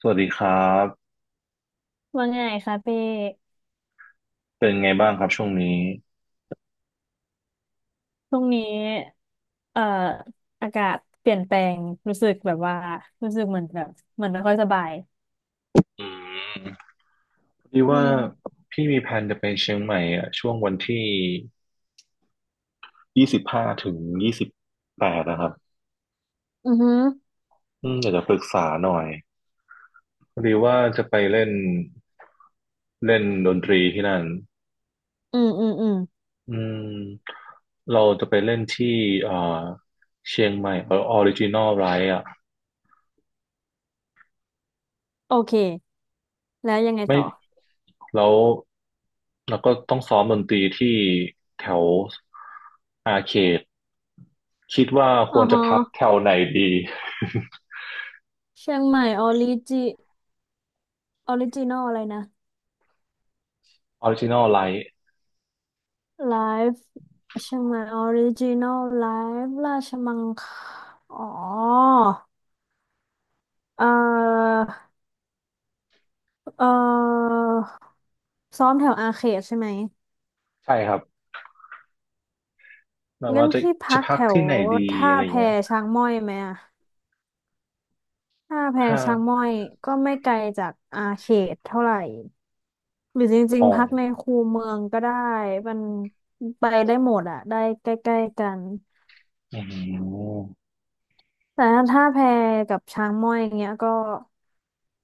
สวัสดีครับว่าไงคะเป้เป็นไงบ้างครับช่วงนี้ช่วงนี้เอ่ออากาศเปลี่ยนแปลง รู้สึกแบบว่า รู้สึกเหมือนแบบเหมือนไม่ค่อยสบาย อืมพอดีอืว่ามพี่มีแผนจะไปเชียงใหม่อ่ะช่วงวันที่25ถึง28นะครับอือฮึอืมอยากจะปรึกษาหน่อยพอดีว่าจะไปเล่นเล่นดนตรีที่นั่นอืมอืมอืมอืมเราจะไปเล่นที่เอ่อเชียงใหม่เออออริจินอลไรอ่ะโอเค แล้วยังไงไม่ต่อแล้วเราก็ต้องซ้อมดนตรีที่แถวอาร์เขต คิดว่าคอ๋อวรจะฮะพักแถวไหนดีเชียงใหม่ออริจินอลอะไรนะออริจินอลไลท์ไลฟ์เชียงใหม่ออริจินอลไลฟ์ราชมังคอ๋อ เอ่อเอ่อซ้อมแถวอาเขตใช่ไหม ใช่ครับแบบงั้ว่านจะพี่พัจะกพัแถกวที่ไหนดีท่าอะไรแพเงี้ยช้างม้อยไหมอะท่าแพถ้าช้างม้อยก็ไม่ไกลจากอาเขตเท่าไหร่หรือจริอ๋งอๆพักในคูเมืองก็ได้มันไปได้หมดอะได้ใกล้ๆกันอืมแต่ถ้าท่าแพกับช้างม้อยอย่างเงี้ยก็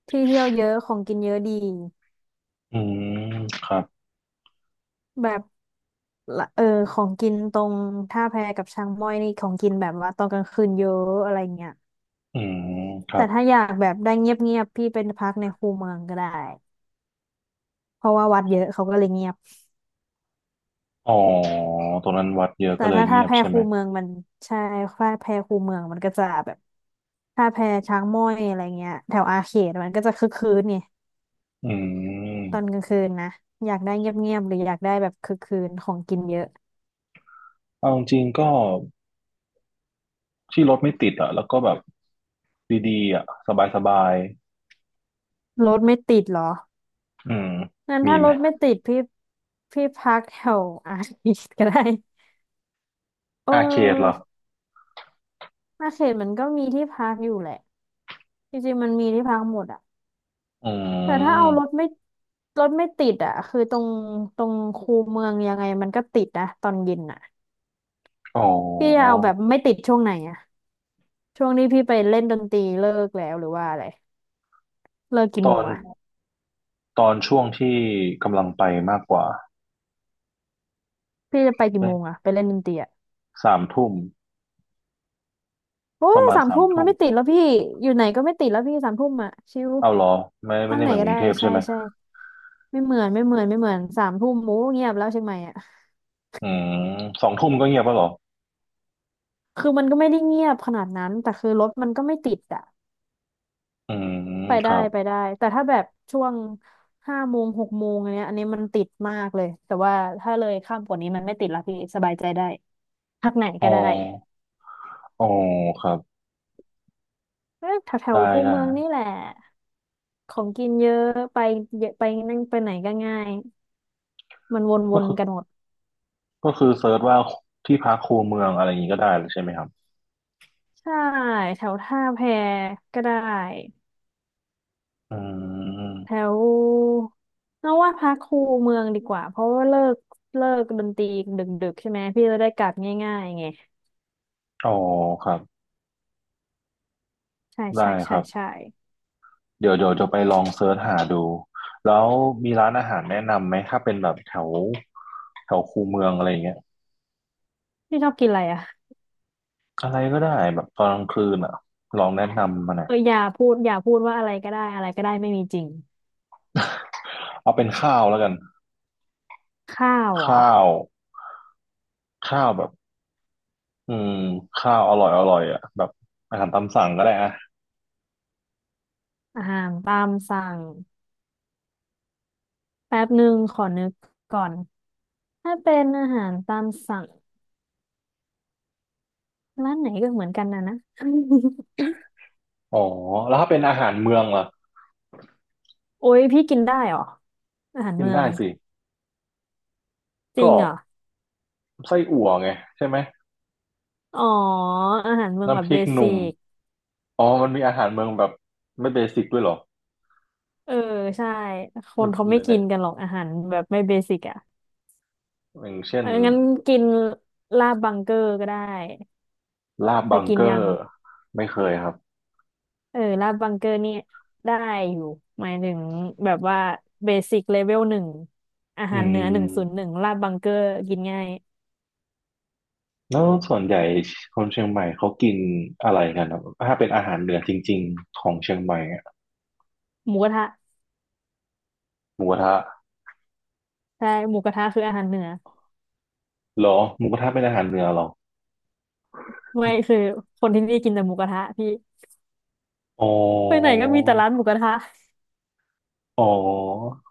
ที่เที่ยวเยอะของกินเยอะดีอืมครับแบบละเออของกินตรงท่าแพกับช้างม้อยนี่ของกินแบบว่าตอนกลางคืนเยอะอะไรเงี้ยอืมครัแต่บถ้าอยากแบบได้เงียบๆพี่เป็นพักในคูเมืองก็ได้ เพราะว่าวัดเยอะเขาก็เลยเงียบอ๋อตรงนั้นวัดเยอะแต่ก็เลยถ้าเงีถ้ายบแพใช่ไหคูม เมืองมันใช่ถ้าแพคูเมืองมันก็จะแบบถ้าแพช้างม้อยอะไรเงี้ยแถวอาเขตมันก็จะคึกคืนไงอืตมอนกลางคืนนะอยากได้เงียบๆหรืออยากได้แบบคึกคืนของกินเยอะเอาจริงๆก็ที่รถไม่ติดอ่ะแล้วก็แบบดีๆอ่ะสบายรถไม่ติดเหรอๆอืมงั้นมีถ้าไหรมถไม่ติดพี่พักแถวอาเขตก็ได้เอาเคดเหรออออาเขตมันก็มีที่พักอยู่แหละจริงๆมันมีที่พักหมดอะ อืแต่ถ้าเอารถมไม่รถไม่ติดอ่ะคือตรงคูเมืองยังไงมันก็ติดนะตอนเย็นอ่ะอ๋พี่จะอเอาแบบไม่ติดช่วงไหนอ่ะช่วงนี้พี่ไปเล่นดนตรีเลิกแล้วหรือว่าอะไรเลิกกี่ตโมองนอ่ะตอนช่วงที่กำลังไปมากกว่า พี่จะไปกี่โมงอ่ะไปเล่นดนตรีอ่ะสามทุ่มโอ้ปยระมาณสามสามทุ่มมัทุ่นมไม่ติดแล้วพี่อยู่ไหนก็ไม่ติดแล้วพี่สามทุ่มอ่ะชิวเอาเหรอไม่พักได้ไหนเหมือนก็กรุได้งเทพใช่ใช่ไหมใช่ไม่เหมือนไม่เหมือนไม่เหมือนสามทุ่มโอ้เงียบแล้วเชียงใหม่อ่ะอืมสองทุ่มก็เงียบแล้วเหรอคือมันก็ไม่ได้เงียบขนาดนั้นแต่คือรถมันก็ไม่ติดอ่ะ อืมไปคได้รัไปบได้แต่ถ้าแบบช่วงห้าโมงหกโมงอันเนี้ยอันนี้มันติดมากเลยแต่ว่าถ้าเลยข้ามกว่านี้มันไม่ติดละพี่สบายใจได้พักไหนอ๋อก็ได้อ๋อครับเออแถได้วๆคูได้เมืองนี่แหละของกินเยอะไปเยอะไปนั่งไปไหนก็ง่ายมันวก็นคือๆกันหมดก็คือเซิร์ชว่าที่พักคูเมืองอะไรอย่างนี้ก็ได้เลยใช่ไหมครับใช่แถวท่าแพก็ได้อืแถมวเอาว่าพักคูเมืองดีกว่าเพราะว่าเลิกดนตรีดึกๆใช่ไหมพี่จะได้กลับง่ายๆไงอ๋อครับใช่ได้ใช่คใช่รับใช่ เดี๋ยวจะไปลองเซิร์ชหาดูแล้วมีร้านอาหารแนะนำไหมถ้าเป็นแบบแถวแถวคูเมืองอะไรอย่างเงี้ยพี่ชอบกินอะไรอ่ะอะไรก็ได้แบบตอนกลางคืนอ่ะลองแนะนำมาหน่อยเอออย่าพูดอย่าพูดว่าอะไรก็ได้อะไรก็ได้ไม่มีจริงเอาเป็นข้าวแล้วกัน ข้าวเหรอข้าวข้าวแบบอืมข้าวอร่อยอร่อยอ่ะแบบอาหารตามสั่งก็ได้อ่ะอาหารตามสั่งแป๊บหนึ่งขอนึกก่อนถ้าเป็นอาหารตามสั่งร้านไหนก็เหมือนกันนะนะ อ๋อแล้วถ้าเป็นอาหารเมืองล่ะ โอ้ยพี่กินได้เหรออาหารกินเมือได้งสิจริก็งเหรอไส้อั่วไงใช่ไหมอ๋ออาหารเมืองแบน้ำพบริเบกหสินุ่มกอ๋อมันมีอาหารเมืองแบบไม่เบสิกด้วยเหรอเออใช่คมันนเขามันไม่กิเนี่ยนกันหรอกอาหารแบบไม่เบสิกอ่ะอย่างเช่เอนองั้นกินลาบบังเกอร์ก็ได้ลาบเคบัยงกินเกอยัง ร์ไม่เคยครับเออลาดบังเกอร์นี่ได้อยู่หมายถึงแบบว่าเบสิกเลเวลหนึ่งอาอืหารเหนือหนึ่งศูนย์หนึ่มงลาดบังเกอร์กินง่ายแล้วส่วนใหญ่คนเชียงใหม่เขากินอะไรกันครับถ้าเป็นอาหารเหนือจริงๆของเชียงใหม่อะหมูกระทะหมูกระทะใช่หมูกระทะคืออาหารเหนือเหรอหมูกระทะเป็นอาหารเหนือเหรอ ไม่คือคนที่นี่กินแต่หมูกระทะพี่อ๋อไปไหนก็มีแต่ร้านหมูกระทะอ๋อ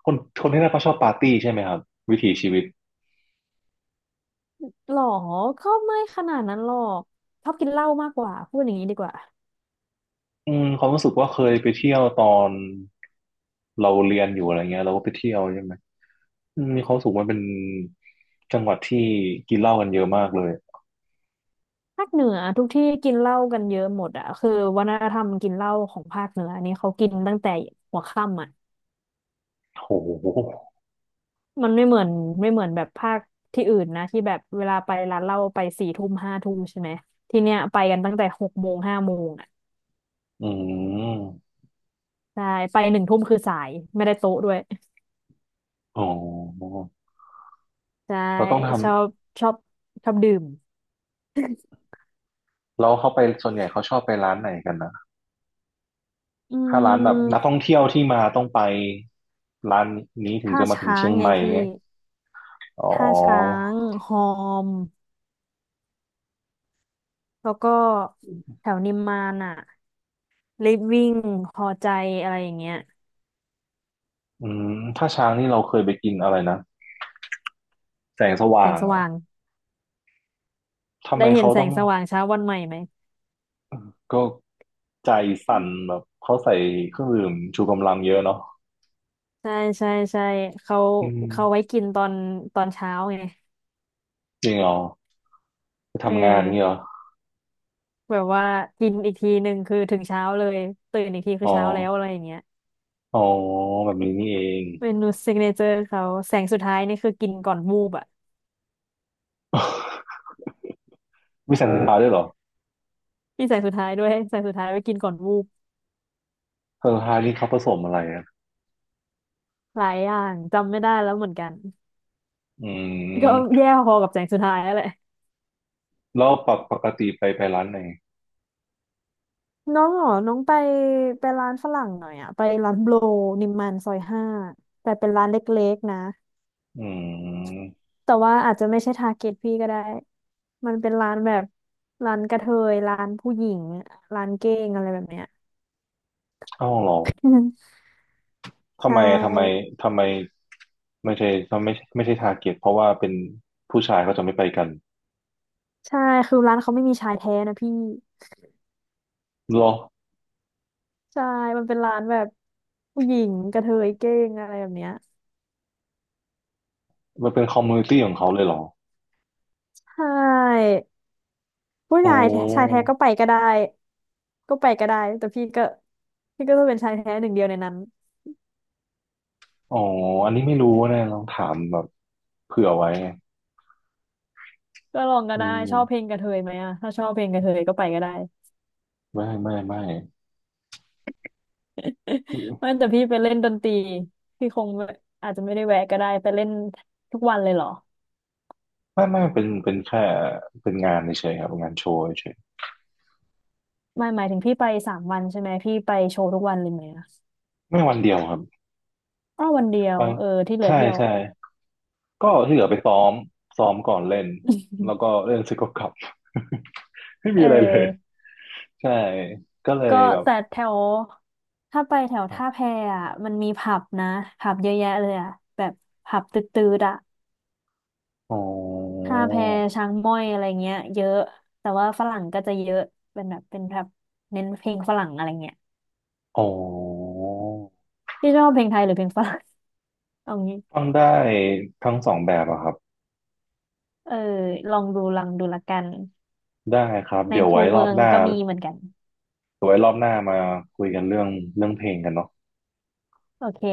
คนคนที่นั่นเขาชอบปาร์ตี้ใช่ไหมครับวิถีชีวิตหรอก็ไม่ขนาดนั้นหรอกชอบกินเหล้ามากกว่าพูดอย่างนี้ดีกว่าอืมความรู้สึกว่าเคยไปเที่ยวตอนเราเรียนอยู่อะไรเงี้ยเราก็ไปเที่ยวใช่ไหมอืมมีความรู้สึกว่ามันเป็นจังหวัดที่กินเหล้ากันเยอะมากเลยภาคเหนือทุกที่กินเหล้ากันเยอะหมดอะคือวัฒนธรรมกินเหล้าของภาคเหนืออันนี้เขากินตั้งแต่หัวค่ำอะ โหมันไม่เหมือนไม่เหมือนแบบภาคที่อื่นนะที่แบบเวลาไปร้านเหล้าไปสี่ทุ่มห้าทุ่มใช่ไหมที่เนี้ยไปกันตั้งแต่หกโมงห้าโมงอ่ะอืมใช่ไปหนึ่งทุ่มคือสายไม่ได้โต๊ะด้วยอ๋อใช่เราต้องทชอบชอบชอบดื่มำแล้วเขาไปส่วนใหญ่เขาชอบไปร้านไหนกันนะอืถ้าร้านแบบนักท่มองเที่ยวที่มาต้องไปร้านนี้ถึงท่าจะมาถึงช้าเชีงยงไงใหม่พี่เงี้ยอ๋ท่าช้าอ งฮอมแล้วก็แถวนิมมานอ่ะลิฟวิ่งพอใจอะไรอย่างเงี้ยอืมถ้าช้างนี่เราเคยไปกินอะไรนะแสงสแสว่างงสอะว่างทำไมได้เห็นเขาแสต้องงสว่างเช้าวันใหม่ไหม ก็ใจสั่นแบบเขาใส่เครื่องดื่มชูกำลังเยอะเนาะใช่ใช่ใช่เขาอืมเขาไว้กินตอนเช้าไงจริงเหรอไปเอทำงานนี่เหรออแบบว่ากินอีกทีหนึ่งคือถึงเช้าเลยตื่นอีกทีคือ๋ออเช้าแล้วอะไรอย่างเงี้ยอ๋อแบบนี้นี่เอง เมนูซิกเนเจอร์เขาแสงสุดท้ายนี่คือกินก่อนวูบอ่ะ มีแสงสุดท้ายด้วยเหรอมีแสงสุดท้ายด้วยแสงสุดท้ายไว้กินก่อนวูบแสงสุดท้ายนี่เขาผสมอะไรอะหลายอย่างจำไม่ได้แล้วเหมือนกัน อื ก็มแย่พอกับแสงสุดท้ายนั่นแหละแล้วปกติไปร้านไหนน้องเหรอน้องไปไปร้านฝรั่งหน่อยอะไปร้านโบรนิมมานซอย 5แต่เป็นร้านเล็กๆนะอืมแต่ว่าอาจจะไม่ใช่ทาร์เก็ตพี่ก็ได้ มันเป็นร้านแบบร้านกระเทยร้านผู้หญิงร้านเก้งอะไรแบบเนี้ย เอ้าเหรอ ใชทำไมทำไม่ทำไมไม่ใช่ไม่ใช่ไม่ใช่ทาร์เก็ตเพราะว่าเป็นผู้ชายเขาจะไม่ไปกัน ใช่คือร้านเขาไม่มีชายแท้นะพี่เหรอใช่มันเป็นร้านแบบผู้หญิงกระเทยเก้งอะไรแบบเนี้ยมันเป็นคอมมูนิตี้ของเขาเลยเหรอใช่ผู้โอ้ชายแท้ใชายแท้ก็ช่ไปก็ได้ก็ไปก็ได้แต่พี่ก็พี่ก็ต้องเป็นชายแท้หนึ่งเดียวในนั้นอ๋ออันนี้ไม่รู้นะลองถามแบบเผื่อไว้ไงก็ลองก็อืได้ชอบเพลมงกระเทยไหมอะถ้าชอบเพลงกระเทยก็ไปก็ได้ ไม่ไม่ไม่ ไม่ไมแต่พี่ไปเล่นดนตรีพี่คงแบบอาจจะไม่ได้แวะก็ได้ไปเล่นทุกวันเลยเหรอ ่ไม่เป็นเป็นแค่เป็นงานเฉยๆครับงานโชว์เฉยไม่หมายถึงพี่ไป3 วันใช่ไหมพี่ไปโชว์ทุกวันเลยไหมอะๆไม่วันเดียวครับอ้อวันเดียไปวเออที่เหลือใช่เที่ยว ใช่ก็ที่เหลือไปซ้อมก่อนเล่นแล้วก็ เล่นเสร็จก็กลับ ไม่เอมีอะไรเลยอใช่ก็เลยก็แบบแต่แถวถ้าไปแถวท่าแพอ่ะมันมีผับนะผับเยอะแยะเลยอ่ะแบบผับตืดๆอ่ะอ๋อท่าแพช้างม้อยอะไรเงี้ยเยอะแต่ว่าฝรั่งก็จะเยอะเป็นแบบเป็นแบบเน้นเพลงฝรั่งอะไรเงี้ยอ๋อพี่ชอบเพลงไทยหรือเพลงฝรั่ง เอางี้ฟังได้ทั้งสองแบบอะครับ เออลองดูลังดูละกันได้ครับในเดี๋ยวคูไว้รเมือบองหน้าก็มีเหมือนกันเดี๋ยวไว้รอบหน้ามาคุยกันเรื่องเพลงกันเนาะโอเค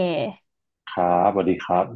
ครับสวัสดีครับ